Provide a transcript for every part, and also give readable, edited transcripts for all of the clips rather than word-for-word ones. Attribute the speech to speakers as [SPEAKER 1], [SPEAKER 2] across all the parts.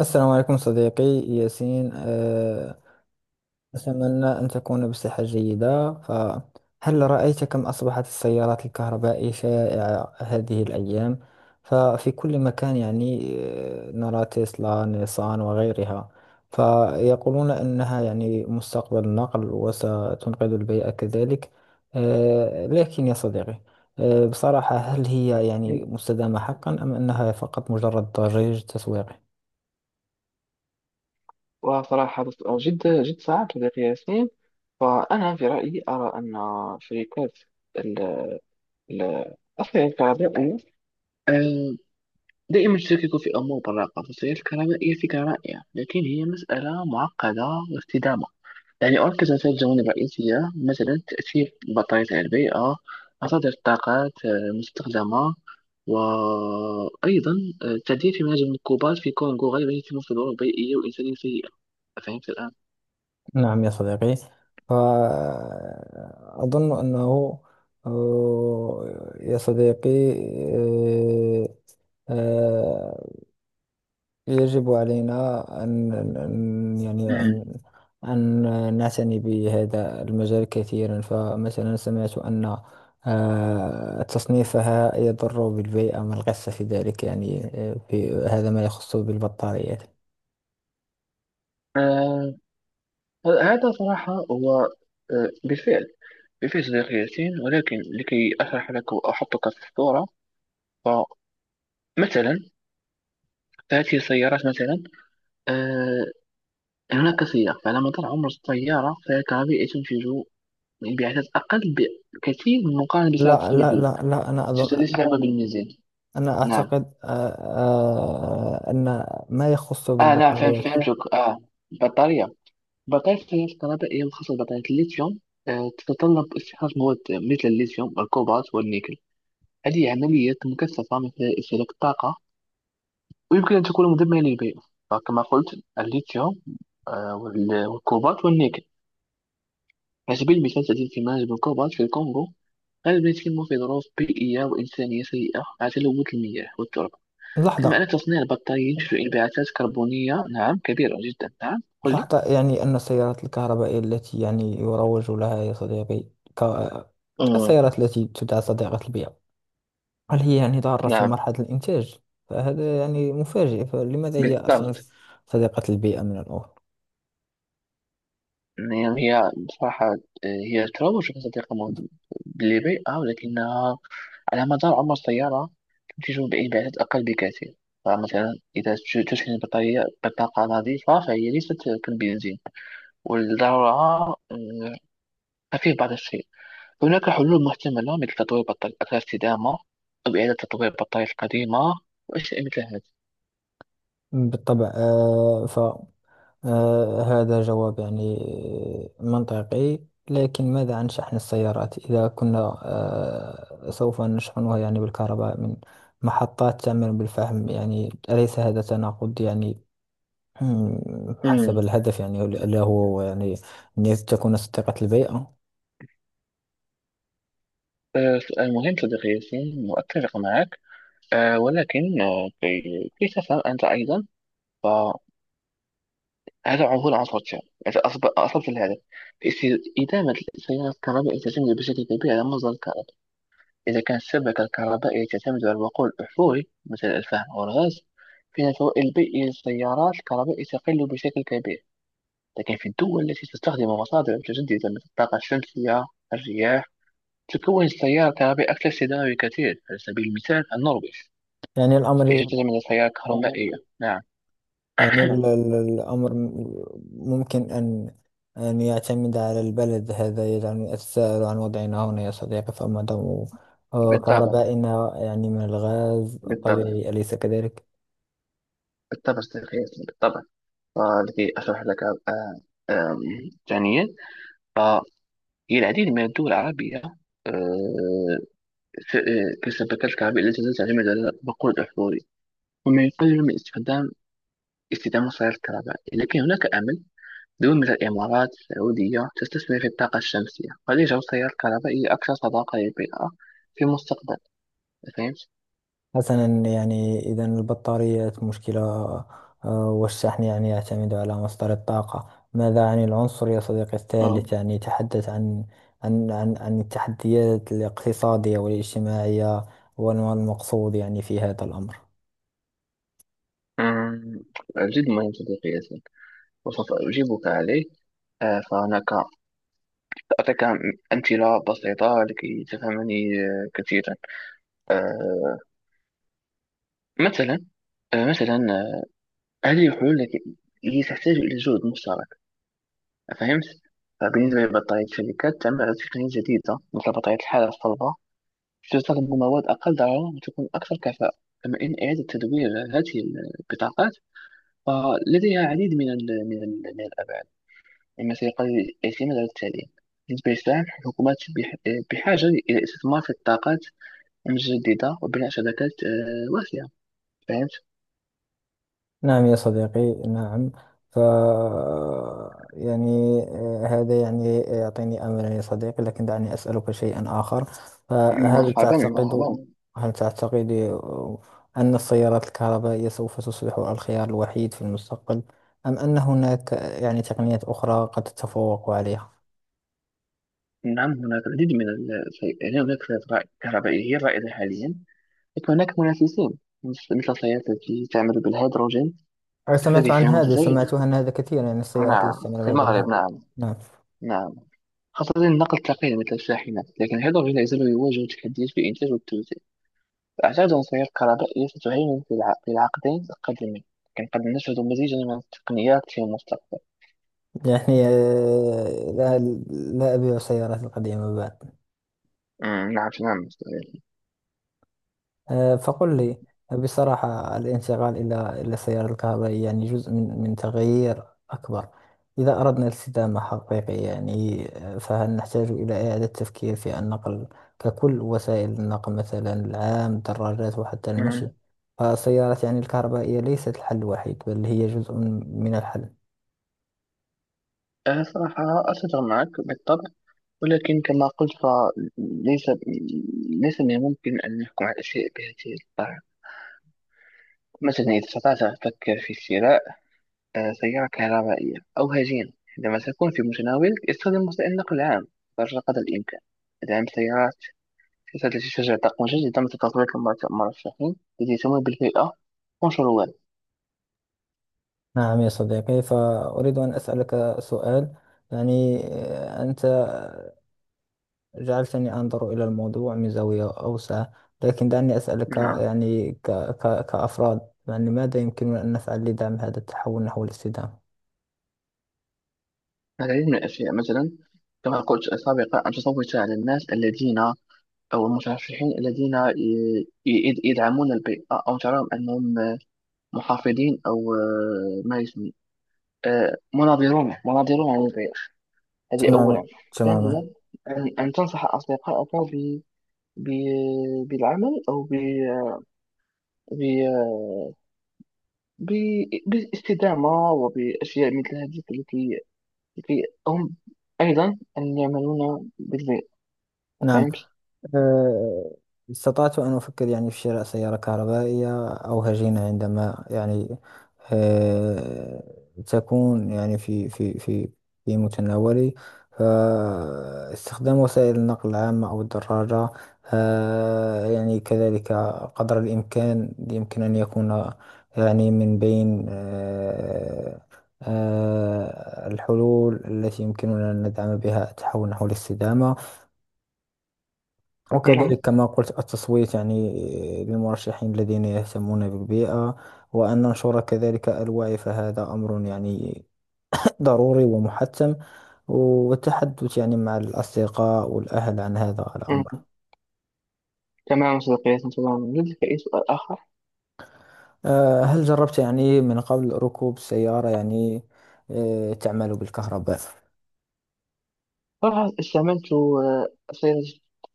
[SPEAKER 1] السلام عليكم صديقي ياسين أتمنى أن تكون بصحة جيدة. فهل رأيت كم أصبحت السيارات الكهربائية شائعة هذه الأيام؟ ففي كل مكان يعني نرى تسلا نيسان وغيرها. فيقولون أنها يعني مستقبل النقل وستنقذ البيئة كذلك. لكن يا صديقي، بصراحة هل هي يعني
[SPEAKER 2] مم.
[SPEAKER 1] مستدامة حقا أم أنها فقط مجرد ضجيج تسويقي؟
[SPEAKER 2] وصراحة جد جد صعب صديقي ياسين. فأنا في رأيي أرى أن شركات ال- ال- أصلا الكهربائية، آه، دائما تشكك في أمور براقة. فالسيارة الكهربائية فكرة رائعة، لكن هي مسألة معقدة واستدامة. يعني أركز على ثلاث جوانب رئيسية، مثلا تأثير البطارية على البيئة، مصادر الطاقات المستخدمة، وأيضا التعديل في مناجم المركوبات في كونغو غالبا يتم في ظروف بيئية وإنسانية سيئة. فهمت الآن؟
[SPEAKER 1] نعم يا صديقي. أظن أنه يا صديقي، آه، آه، يجب علينا أن يعني
[SPEAKER 2] مم.
[SPEAKER 1] أن نعتني بهذا المجال كثيرا. فمثلا سمعت أن تصنيفها يضر بالبيئة. ما القصة في ذلك يعني في هذا ما يخص بالبطاريات.
[SPEAKER 2] آه هذا صراحة هو، بالفعل. بالفعل صديقي ياسين، ولكن لكي أشرح لك وأحطك في الصورة، فمثلا، فهذه السيارات مثلا، آه هناك سياق. فعلى مدار عمر السيارة، فهي الكهربائية تنتج انبعاثات أقل بكثير مقارنة بالسيارة
[SPEAKER 1] لا، لا،
[SPEAKER 2] التقليدية.
[SPEAKER 1] لا، لا، أنا أظن.
[SPEAKER 2] ليس لعبة بالميزان.
[SPEAKER 1] أنا
[SPEAKER 2] نعم.
[SPEAKER 1] أعتقد أن ما يخص
[SPEAKER 2] نعم،
[SPEAKER 1] بالبطاريات.
[SPEAKER 2] فهمتك. البطارية، بطارية السيارات الكهربائية وخاصة بطارية الليثيوم تتطلب استخراج مواد مثل الليثيوم والكوبالت والنيكل. هذه عمليات مكثفة مثل استهلاك الطاقة، ويمكن أن تكون مدمرة للبيئة. فكما قلت الليثيوم، والكوبالت والنيكل. على سبيل المثال تزيد اندماج بالكوبالت في الكونغو غالبا يتم في ظروف بيئية وإنسانية سيئة مع تلوث المياه والتربة. كما أن
[SPEAKER 1] لحظة.
[SPEAKER 2] تصنيع البطارية ينتج انبعاثات كربونية، نعم، كبيرة جدا. نعم، قل لي.
[SPEAKER 1] لحظة، يعني أن السيارات الكهربائية التي يعني يروج لها يا صديقي ك...
[SPEAKER 2] مم.
[SPEAKER 1] السيارات التي تدعى صديقة البيئة، هل هي يعني ضارة في
[SPEAKER 2] نعم،
[SPEAKER 1] مرحلة الإنتاج؟ فهذا يعني مفاجئ. فلماذا هي أصلا
[SPEAKER 2] بالضبط.
[SPEAKER 1] صديقة البيئة من الأول؟
[SPEAKER 2] يعني هي بصراحة، هي تروج بصديقة للبيئة، ولكنها على مدار عمر السيارة تنتج بإنبعاثات أقل بكثير. فمثلا إذا تشحن البطارية بطاقة نظيفة فهي ليست كالبنزين، والضررها خفيف بعض الشيء. هناك حلول محتملة مثل تطوير بطارية أكثر استدامة أو إعادة تطوير البطارية القديمة وأشياء مثل هذه.
[SPEAKER 1] بالطبع. هذا جواب يعني منطقي. لكن ماذا عن شحن السيارات؟ إذا كنا سوف نشحنها يعني بالكهرباء من محطات تعمل بالفحم، يعني أليس هذا تناقض يعني حسب
[SPEAKER 2] أمم.
[SPEAKER 1] الهدف، يعني اللي هو يعني أن تكون صديقة البيئة.
[SPEAKER 2] آه، سؤال مهم صديقي ياسين، وأتفق معك. ولكن كي تفهم أنت أيضا، هذا عنوان عصر. إذا أصبت الهدف. إدامة التيار الكهربائي تعتمد بشكل كبير على مصدر الكهرباء. إذا كانت الشبكة الكهربائية تعتمد على الوقود الأحفوري مثل الفحم أو الغاز، فإن الفوائد البيئية للسيارات الكهربائية تقل بشكل كبير. لكن في الدول التي تستخدم مصادر متجددة مثل الطاقة الشمسية، الرياح، تكون السيارة الكهربائية أكثر استدامة بكثير. على سبيل المثال النرويج
[SPEAKER 1] يعني
[SPEAKER 2] التي
[SPEAKER 1] الأمر،
[SPEAKER 2] تعتمد على السيارة الكهربائية. نعم.
[SPEAKER 1] يعني الأمر ممكن أن يعتمد على البلد. هذا يجعلني أتساءل عن وضعنا هنا يا صديقي. فما دام
[SPEAKER 2] بالطبع،
[SPEAKER 1] كهربائنا يعني من الغاز
[SPEAKER 2] بالطبع،
[SPEAKER 1] الطبيعي، أليس كذلك؟
[SPEAKER 2] بالطبع صديقي ياسين، بالطبع. التي أشرح لك. آه، آم، ثانيا، فالعديد من الدول العربية آه، كالشبكات الكهربائية التي لا تعتمد على الوقود الأحفوري، وما يقلل من استخدام وسائل الكهرباء. لكن هناك أمل. دول مثل الإمارات السعودية تستثمر في الطاقة الشمسية، قد يجعل التيار الكهربائي أكثر صداقة للبيئة في المستقبل. فهمت؟
[SPEAKER 1] حسنا، يعني إذا البطاريات مشكلة. والشحن يعني يعتمد على مصدر الطاقة. ماذا عن العنصر يا صديقي الثالث؟
[SPEAKER 2] اه
[SPEAKER 1] يعني تحدث عن التحديات الاقتصادية والاجتماعية، والمقصود يعني في هذا الأمر.
[SPEAKER 2] أمم، جد مهم صديقي ياسين، وسوف أجيبك عليه. فهناك، أعطيك أمثلة بسيطة لكي تفهمني كثيرا. مثلا، مثلا، آه، هذه الحلول التي هي تحتاج إلى جهد مشترك. فهمت؟ فبالنسبة لبطارية الشركات تعمل على تقنية جديدة مثل بطارية الحالة الصلبة، تستخدم مواد أقل ضررا وتكون أكثر كفاءة. كما إن إعادة تدوير هذه البطاقات فلديها العديد من ال من ال من الأبعاد، مما سيقلل الاعتماد على التعليم. بالنسبة للسهم الحكومات بحاجة إلى استثمار في الطاقات جديدة وبناء شبكات واسعة. فهمت؟
[SPEAKER 1] نعم يا صديقي، نعم. ف يعني هذا يعني يعطيني أملا يا صديقي. لكن دعني أسألك شيئا آخر. فهل
[SPEAKER 2] مرحبا
[SPEAKER 1] تعتقد
[SPEAKER 2] مرحبا.
[SPEAKER 1] هل تعتقد أن السيارات الكهربائية سوف تصبح الخيار الوحيد في المستقبل، أم أن هناك يعني تقنيات أخرى قد تتفوق عليها؟
[SPEAKER 2] نعم هناك العديد من هناك فئات كهربائية رائدة حاليا، لكن هناك منافسين مثل السيارات التي تعمل بالهيدروجين.
[SPEAKER 1] أنا سمعت
[SPEAKER 2] تحتوي
[SPEAKER 1] عن
[SPEAKER 2] فيها
[SPEAKER 1] هذا،
[SPEAKER 2] متزايد.
[SPEAKER 1] سمعت عن هذا كثيرا. يعني السيارات اللي
[SPEAKER 2] نعم،
[SPEAKER 1] تستعمل
[SPEAKER 2] في المغرب.
[SPEAKER 1] بهيدروجين.
[SPEAKER 2] نعم.
[SPEAKER 1] نعم.
[SPEAKER 2] نعم، خاصة النقل الثقيل مثل الشاحنات. لكن الهيدروجين لا يزال يواجه تحديات في الإنتاج والتوزيع. أعتقد أن السيارات الكهربائية ستهيمن في في العقدين القادمين، لكن قد نشهد مزيجا من التقنيات في المستقبل.
[SPEAKER 1] يعني لا، لا أبيع السيارات القديمة بعد.
[SPEAKER 2] نعم.
[SPEAKER 1] فقل لي بصراحة، الانتقال إلى السيارة الكهربائية يعني جزء من تغيير أكبر. إذا أردنا الاستدامة حقيقية يعني فهل نحتاج إلى إعادة التفكير في النقل ككل؟ وسائل النقل مثلا العام، الدراجات، وحتى المشي.
[SPEAKER 2] نعم.
[SPEAKER 1] فالسيارات يعني الكهربائية ليست الحل الوحيد، بل هي جزء من الحل.
[SPEAKER 2] أنا صراحة أتفق معك بالطبع، ولكن كما قلت فليس ليس من الممكن أن نحكم على الأشياء بهذه الطريقة. مثلا إذا استطعت أن تفكر في شراء سيارة كهربائية أو هجينة عندما تكون في متناولك، استخدم وسائل النقل العام قدر الإمكان. دعم السيارات، سياسات التي تشجع طاقة مجددة مثل تطوير المرشحين التي تمول بالبيئة والشروال.
[SPEAKER 1] نعم يا صديقي، فأريد أن أسألك سؤال. يعني أنت جعلتني أنظر إلى الموضوع من زاوية أوسع. لكن دعني أسألك،
[SPEAKER 2] نعم.
[SPEAKER 1] يعني ك ك كأفراد، يعني ماذا يمكننا أن نفعل لدعم هذا التحول نحو الاستدامة؟
[SPEAKER 2] العديد من الأشياء مثلا، كما قلت سابقا، أن تصوت على الناس الذين، أو المترشحين الذين ي- يدعمون البيئة، أو تراهم أنهم محافظين، أو ما يسمى مناظرون عن البيئة. هذه
[SPEAKER 1] تماما،
[SPEAKER 2] أولا.
[SPEAKER 1] تماما.
[SPEAKER 2] ثانيا، أن تنصح أصدقائك بالعمل، أو ب- بالاستدامة وبأشياء مثل هذه التي هم أيضا أن يعملون بالبيئة.
[SPEAKER 1] نعم.
[SPEAKER 2] فهمت؟
[SPEAKER 1] آه، استطعت أن أفكر يعني في شراء سيارة كهربائية أو هجينة عندما يعني آه، تكون يعني في متناولي. فاستخدام وسائل النقل العامة أو الدراجة يعني كذلك قدر الإمكان يمكن أن يكون يعني من بين الحلول التي يمكننا أن ندعم بها التحول نحو الاستدامة.
[SPEAKER 2] نعم.
[SPEAKER 1] وكذلك كما قلت، التصويت يعني للمرشحين الذين يهتمون بالبيئة. وأن ننشر كذلك الوعي، فهذا أمر يعني ضروري ومحتم. والتحدث يعني مع الأصدقاء والأهل عن هذا الأمر.
[SPEAKER 2] مم. تمام صديقي، تمام. لديك أي سؤال آخر؟
[SPEAKER 1] هل جربت يعني من قبل ركوب سيارة يعني تعمل بالكهرباء؟
[SPEAKER 2] صراحة استعملت سيارة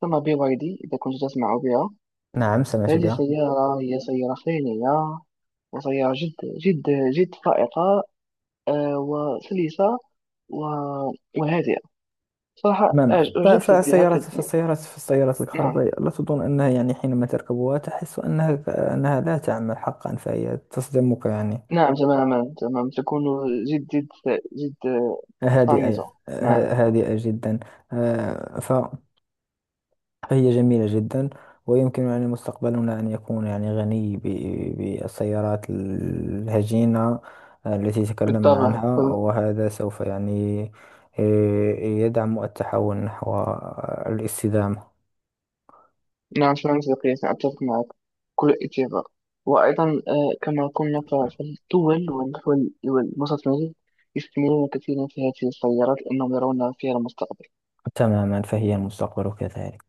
[SPEAKER 2] تسمى BYD إذا كنت تسمع بها.
[SPEAKER 1] نعم سمعت
[SPEAKER 2] هذه
[SPEAKER 1] بها.
[SPEAKER 2] سيارة، هي سيارة خيالية، وسيارة جد جد جد فائقة، وسلسة و- وهادئة. صراحة
[SPEAKER 1] تماما. ف-
[SPEAKER 2] أعجبت بها
[SPEAKER 1] فالسيارات
[SPEAKER 2] كثير.
[SPEAKER 1] فالسيارات فالسيارات
[SPEAKER 2] نعم.
[SPEAKER 1] الكهربائية لا تظن أنها يعني حينما تركبها تحس أنها لا تعمل حقا، فهي تصدمك يعني.
[SPEAKER 2] نعم، تماما. تمام. تكون جد جد جد،
[SPEAKER 1] هادئة.
[SPEAKER 2] صامتة. نعم.
[SPEAKER 1] هادئة جدا. آه، ف- فهي جميلة جدا. ويمكن يعني مستقبلنا أن يكون يعني غني بالسيارات الهجينة التي تكلمنا
[SPEAKER 2] بالطبع.
[SPEAKER 1] عنها. وهذا سوف يعني آه، يدعم التحول نحو الاستدامة.
[SPEAKER 2] نعم، شكرا صديقي، أتفق معك. كل إثيوبيا. وأيضا كما قلنا فالدول والوسط المالي يستثمرون كثيرا في هذه السيارات لأنهم يرون فيها المستقبل.
[SPEAKER 1] تماما، فهي المستقبل كذلك.